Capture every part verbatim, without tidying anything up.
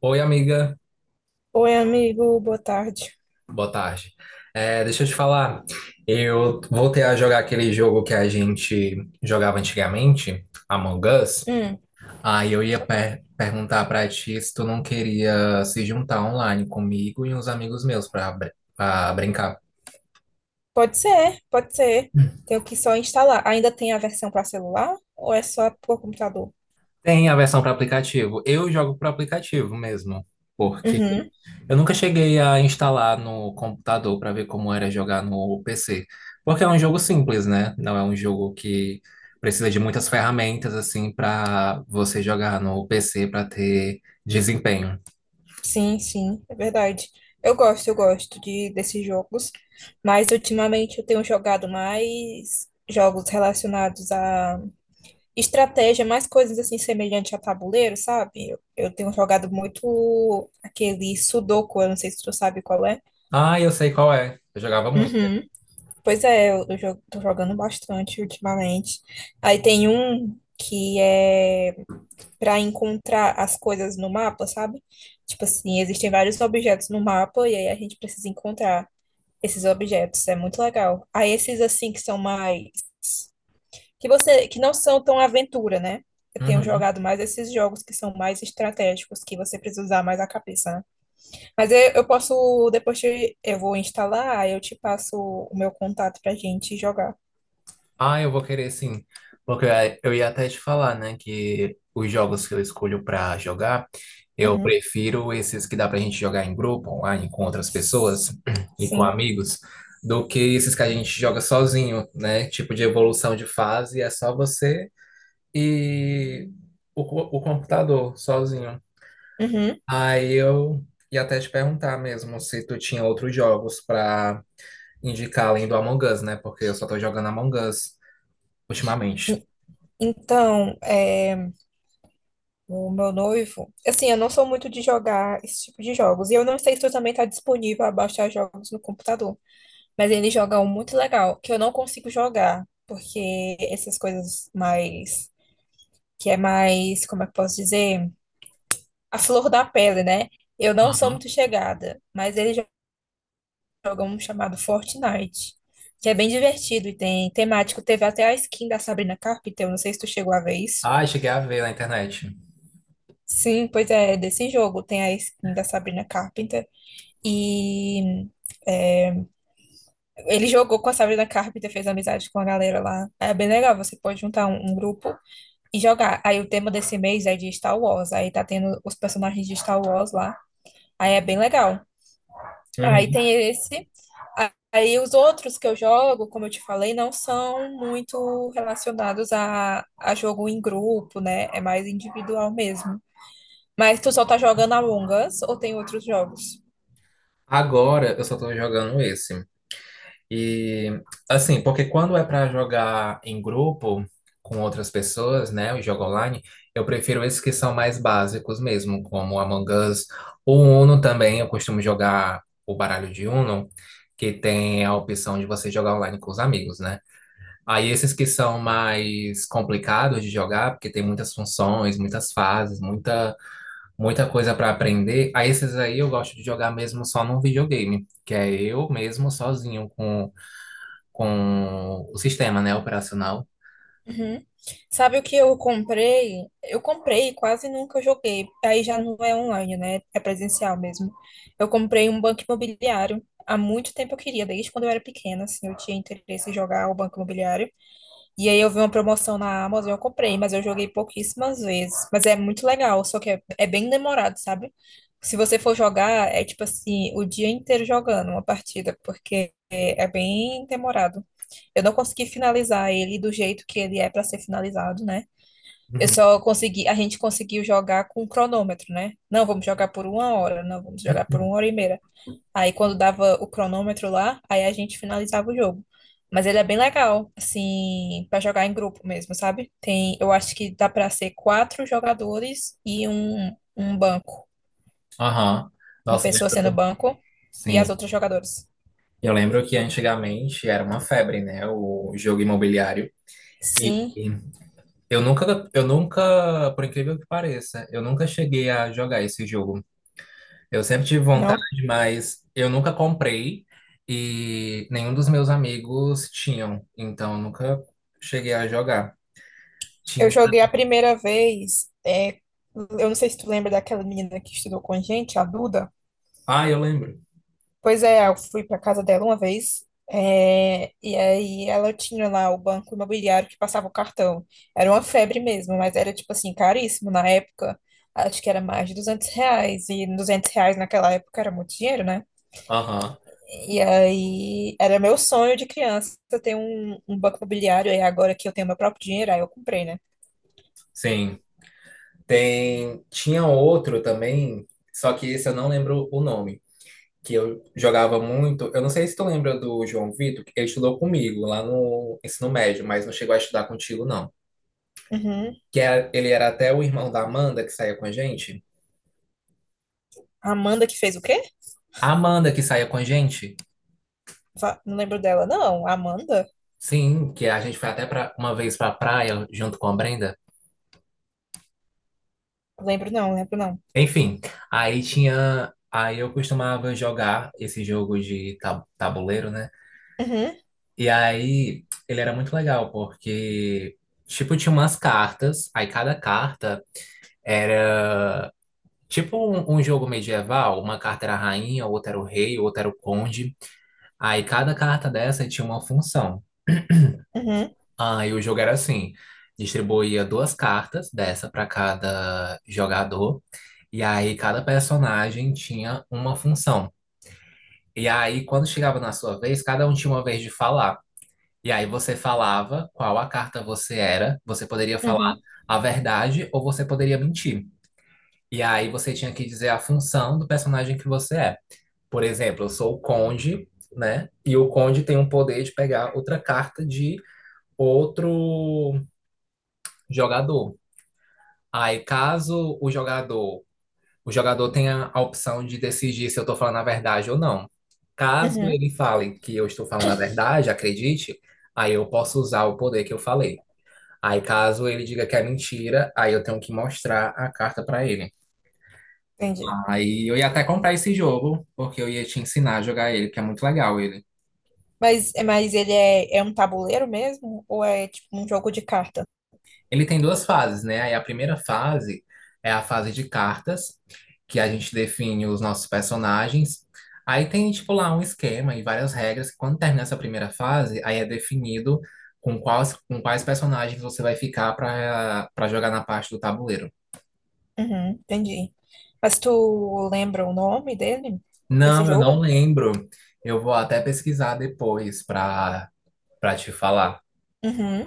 Oi, amiga. Oi, amigo, boa tarde. Boa tarde. É, deixa eu te falar. Eu voltei a jogar aquele jogo que a gente jogava antigamente, Among Us. Hum, Aí eu ia per- perguntar pra ti se tu não queria se juntar online comigo e uns amigos meus pra, br- pra brincar. Pode ser, pode ser. Tenho que só instalar. Ainda tem a versão para celular ou é só por computador? Tem a versão para aplicativo. Eu jogo para aplicativo mesmo, porque Uhum, eu nunca cheguei a instalar no computador para ver como era jogar no P C, porque é um jogo simples, né? Não é um jogo que precisa de muitas ferramentas assim para você jogar no P C para ter desempenho. sim, sim, é verdade. Eu gosto, eu gosto de desses jogos, mas ultimamente eu tenho jogado mais jogos relacionados a estratégia, mais coisas assim semelhantes a tabuleiro, sabe? Eu, eu tenho jogado muito aquele Sudoku, eu não sei se tu sabe qual é. Ah, eu sei qual é. Eu jogava muito. Uhum. Pois é, eu, eu jo- tô jogando bastante ultimamente. Aí tem um que é para encontrar as coisas no mapa, sabe? Tipo assim, existem vários objetos no mapa e aí a gente precisa encontrar esses objetos. É muito legal. Aí esses assim que são mais, que você, que não são tão aventura, né? Eu tenho Uhum. jogado mais esses jogos que são mais estratégicos, que você precisa usar mais a cabeça, né? Mas eu, eu posso, depois te- eu vou instalar, aí eu te passo o meu contato pra gente jogar. Ah, eu vou querer sim. Porque eu ia até te falar, né, que os jogos que eu escolho pra jogar, eu Uhum. prefiro esses que dá pra gente jogar em grupo, online, com outras pessoas e com Sim. amigos, do que esses que a gente joga sozinho, né? Tipo de evolução de fase, é só você e o, co- o computador sozinho. Uhum. Aí eu ia até te perguntar mesmo se tu tinha outros jogos pra indicar além do Among Us, né? Porque eu só tô jogando Among Us ultimamente. E- Então, é, o meu noivo, assim, eu não sou muito de jogar esse tipo de jogos. E eu não sei se tu também tá disponível a baixar jogos no computador. Mas ele joga um muito legal, que eu não consigo jogar, porque essas coisas mais, que é mais, como é que eu posso dizer? A flor da pele, né? Eu não sou Uhum. muito chegada, mas ele jo- joga um chamado Fortnite, que é bem divertido e tem temático. Teve até a skin da Sabrina Carpenter, eu não sei se tu chegou a ver isso. Ah, cheguei a ver na internet. Sim, pois é, desse jogo tem a skin da Sabrina Carpenter e, é, ele jogou com a Sabrina Carpenter, fez amizade com a galera lá. É bem legal, você pode juntar um, um grupo e jogar. Aí o tema desse mês é de Star Wars, aí tá tendo os personagens de Star Wars lá, aí é bem legal. Aí Uhum. tem esse, a- aí os outros que eu jogo, como eu te falei, não são muito relacionados a, a jogo em grupo, né? É mais individual mesmo. Mas tu só tá jogando Among Us ou tem outros jogos? Agora eu só tô jogando esse. E assim, porque quando é pra jogar em grupo com outras pessoas, né, o jogo online, eu prefiro esses que são mais básicos mesmo, como Among Us, o Uno também, eu costumo jogar o baralho de Uno, que tem a opção de você jogar online com os amigos, né? Aí esses que são mais complicados de jogar, porque tem muitas funções, muitas fases, muita muita coisa para aprender. Aí esses aí eu gosto de jogar mesmo só num videogame, que é eu mesmo sozinho com, com o sistema, né, operacional. Uhum. Sabe o que eu comprei? Eu comprei, quase nunca joguei. Aí já não é online, né? É presencial mesmo. Eu comprei um banco imobiliário. Há muito tempo eu queria, desde quando eu era pequena, assim, eu tinha interesse em jogar o banco imobiliário. E aí eu vi uma promoção na Amazon, eu comprei, mas eu joguei pouquíssimas vezes. Mas é muito legal, só que é, é bem demorado, sabe? Se você for jogar, é tipo assim, o dia inteiro jogando uma partida, porque é, é bem demorado. Eu não consegui finalizar ele do jeito que ele é para ser finalizado, né? Eu Uhum. só consegui, a gente conseguiu jogar com cronômetro, né? Não, vamos jogar por uma hora, não, vamos jogar por uma hora e meia. Aí quando dava o cronômetro lá, aí a gente finalizava o jogo. Mas ele é bem legal, assim, pra jogar em grupo mesmo, sabe? Tem, eu acho que dá pra ser quatro jogadores e um, um banco. Aham. Uma Nossa, pessoa sendo lembro. banco e as Sim. outras jogadoras. Eu lembro que antigamente era uma febre, né, o jogo imobiliário. E Sim, e eu nunca, eu nunca, por incrível que pareça, eu nunca cheguei a jogar esse jogo. Eu sempre tive vontade, não. mas eu nunca comprei e nenhum dos meus amigos tinham, então eu nunca cheguei a jogar. Eu Tinha... joguei a primeira vez, é, eu não sei se tu lembra daquela menina que estudou com a gente, a Duda. Ah, eu lembro. Pois é, eu fui para casa dela uma vez, é, e aí ela tinha lá o banco imobiliário que passava o cartão. Era uma febre mesmo, mas era tipo assim, caríssimo na época. Acho que era mais de duzentos reais, e duzentos reais naquela época era muito dinheiro, né? Aham, E aí era meu sonho de criança ter um, um banco imobiliário, e agora que eu tenho meu próprio dinheiro, aí eu comprei, né? sim. Tem... Tinha outro também, só que esse eu não lembro o nome, que eu jogava muito. Eu não sei se tu lembra do João Vitor, que ele estudou comigo lá no ensino médio, mas não chegou a estudar contigo, não. Uhum. Que era... ele era até o irmão da Amanda que saía com a gente. A Amanda que fez o quê? A Amanda que saía com a gente. Va- Não lembro dela. Não, a Amanda? Sim, que a gente foi até pra, uma vez pra praia junto com a Brenda. Lembro não, lembro não. Enfim, aí tinha. Aí eu costumava jogar esse jogo de ta- tabuleiro, né? Uhum, E aí ele era muito legal, porque, tipo, tinha umas cartas, aí cada carta era tipo um, um jogo medieval, uma carta era a rainha, outra era o rei, outra era o conde. Aí cada carta dessa tinha uma função. uhum, Ah, e o jogo era assim: distribuía duas cartas dessa para cada jogador, e aí cada personagem tinha uma função. E aí, quando chegava na sua vez, cada um tinha uma vez de falar. E aí você falava qual a carta você era, você poderia falar uhum, a verdade ou você poderia mentir. E aí você tinha que dizer a função do personagem que você é. Por exemplo, eu sou o Conde, né? E o Conde tem um poder de pegar outra carta de outro jogador. Aí, caso o jogador, o jogador tenha a opção de decidir se eu estou falando a verdade ou não. Caso uhum. ele fale que eu estou falando a verdade, acredite, aí eu posso usar o poder que eu falei. Aí, caso ele diga que é mentira, aí eu tenho que mostrar a carta para ele. Entendi. Aí eu ia até comprar esse jogo, porque eu ia te ensinar a jogar ele, que é muito legal ele. Mas, mas ele é, é um tabuleiro mesmo? Ou é tipo um jogo de carta? Ele tem duas fases, né? Aí a primeira fase é a fase de cartas, que a gente define os nossos personagens. Aí tem, tipo, lá um esquema e várias regras. Que Quando termina essa primeira fase, aí é definido com quais, com quais personagens você vai ficar para para jogar na parte do tabuleiro. Uhum, entendi. Mas tu lembra o nome dele? Desse Não, eu não jogo? lembro. Eu vou até pesquisar depois para para te falar. Uhum.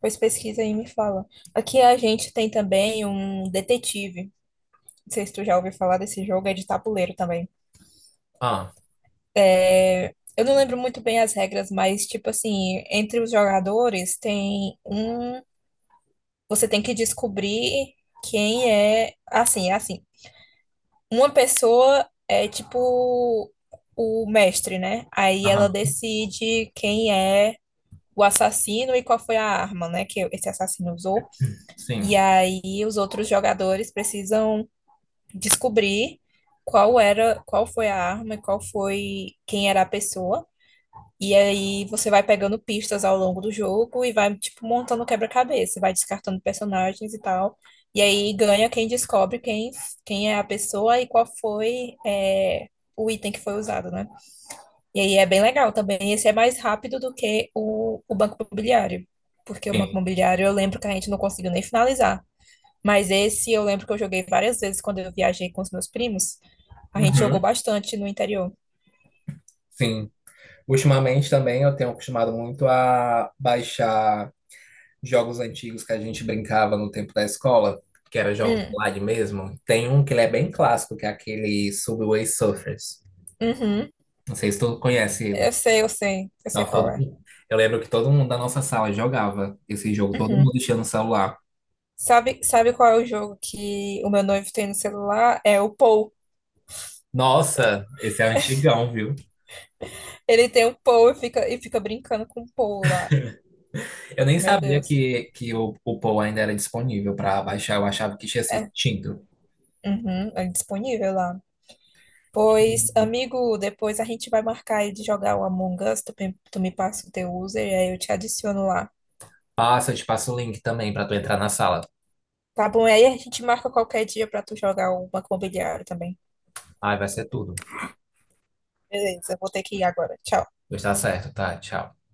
Pois pesquisa aí e me fala. Aqui a gente tem também um detetive. Não sei se tu já ouviu falar desse jogo, é de tabuleiro também. Ah, É, eu não lembro muito bem as regras, mas tipo assim, entre os jogadores tem um. Você tem que descobrir quem é. Assim, é assim. Uma pessoa é tipo o mestre, né? Aí ela aham, decide quem é o assassino e qual foi a arma, né, que esse assassino usou. E sim, aí os outros jogadores precisam descobrir qual era, qual foi a arma e qual foi, quem era a pessoa. E aí você vai pegando pistas ao longo do jogo e vai tipo montando quebra-cabeça, vai descartando personagens e tal. E aí ganha quem descobre quem, quem é a pessoa e qual foi, é, o item que foi usado, né? E aí é bem legal também. Esse é mais rápido do que o, o Banco Imobiliário. Porque o Banco sim. Imobiliário eu lembro que a gente não conseguiu nem finalizar. Mas esse eu lembro que eu joguei várias vezes quando eu viajei com os meus primos. A gente jogou Uhum, bastante no interior. sim. Ultimamente também eu tenho acostumado muito a baixar jogos antigos que a gente brincava no tempo da escola, que era jogos Hum, online mesmo, tem um que ele é bem clássico, que é aquele Subway Surfers. uhum. Não sei se tu conhece Eu ele. sei, eu sei, eu sei Nossa, qual todo é. mundo- Eu lembro que todo mundo da nossa sala jogava esse jogo, todo mundo Uhum. tinha no celular. Sabe, sabe qual é o jogo que o meu noivo tem no celular? É o Pou. Nossa, esse é antigão, viu? Ele tem o Pou e fica, e fica brincando com o Pou lá. Eu nem Meu sabia Deus. que, que o, o Paul ainda era disponível para baixar, eu achava que tinha sido É, extinto. uhum, é disponível lá. Pois, amigo, depois a gente vai marcar aí de jogar o Among Us, tu, pe- tu me passa o teu user e aí eu te adiciono lá. Passa, eu te passo o link também para tu entrar na sala. Tá bom, e aí a gente marca qualquer dia pra tu jogar o Banco Imobiliário também. Ai, vai ser tudo. Beleza, eu vou ter que ir agora. Tchau. Pois tá certo, tá? Tchau.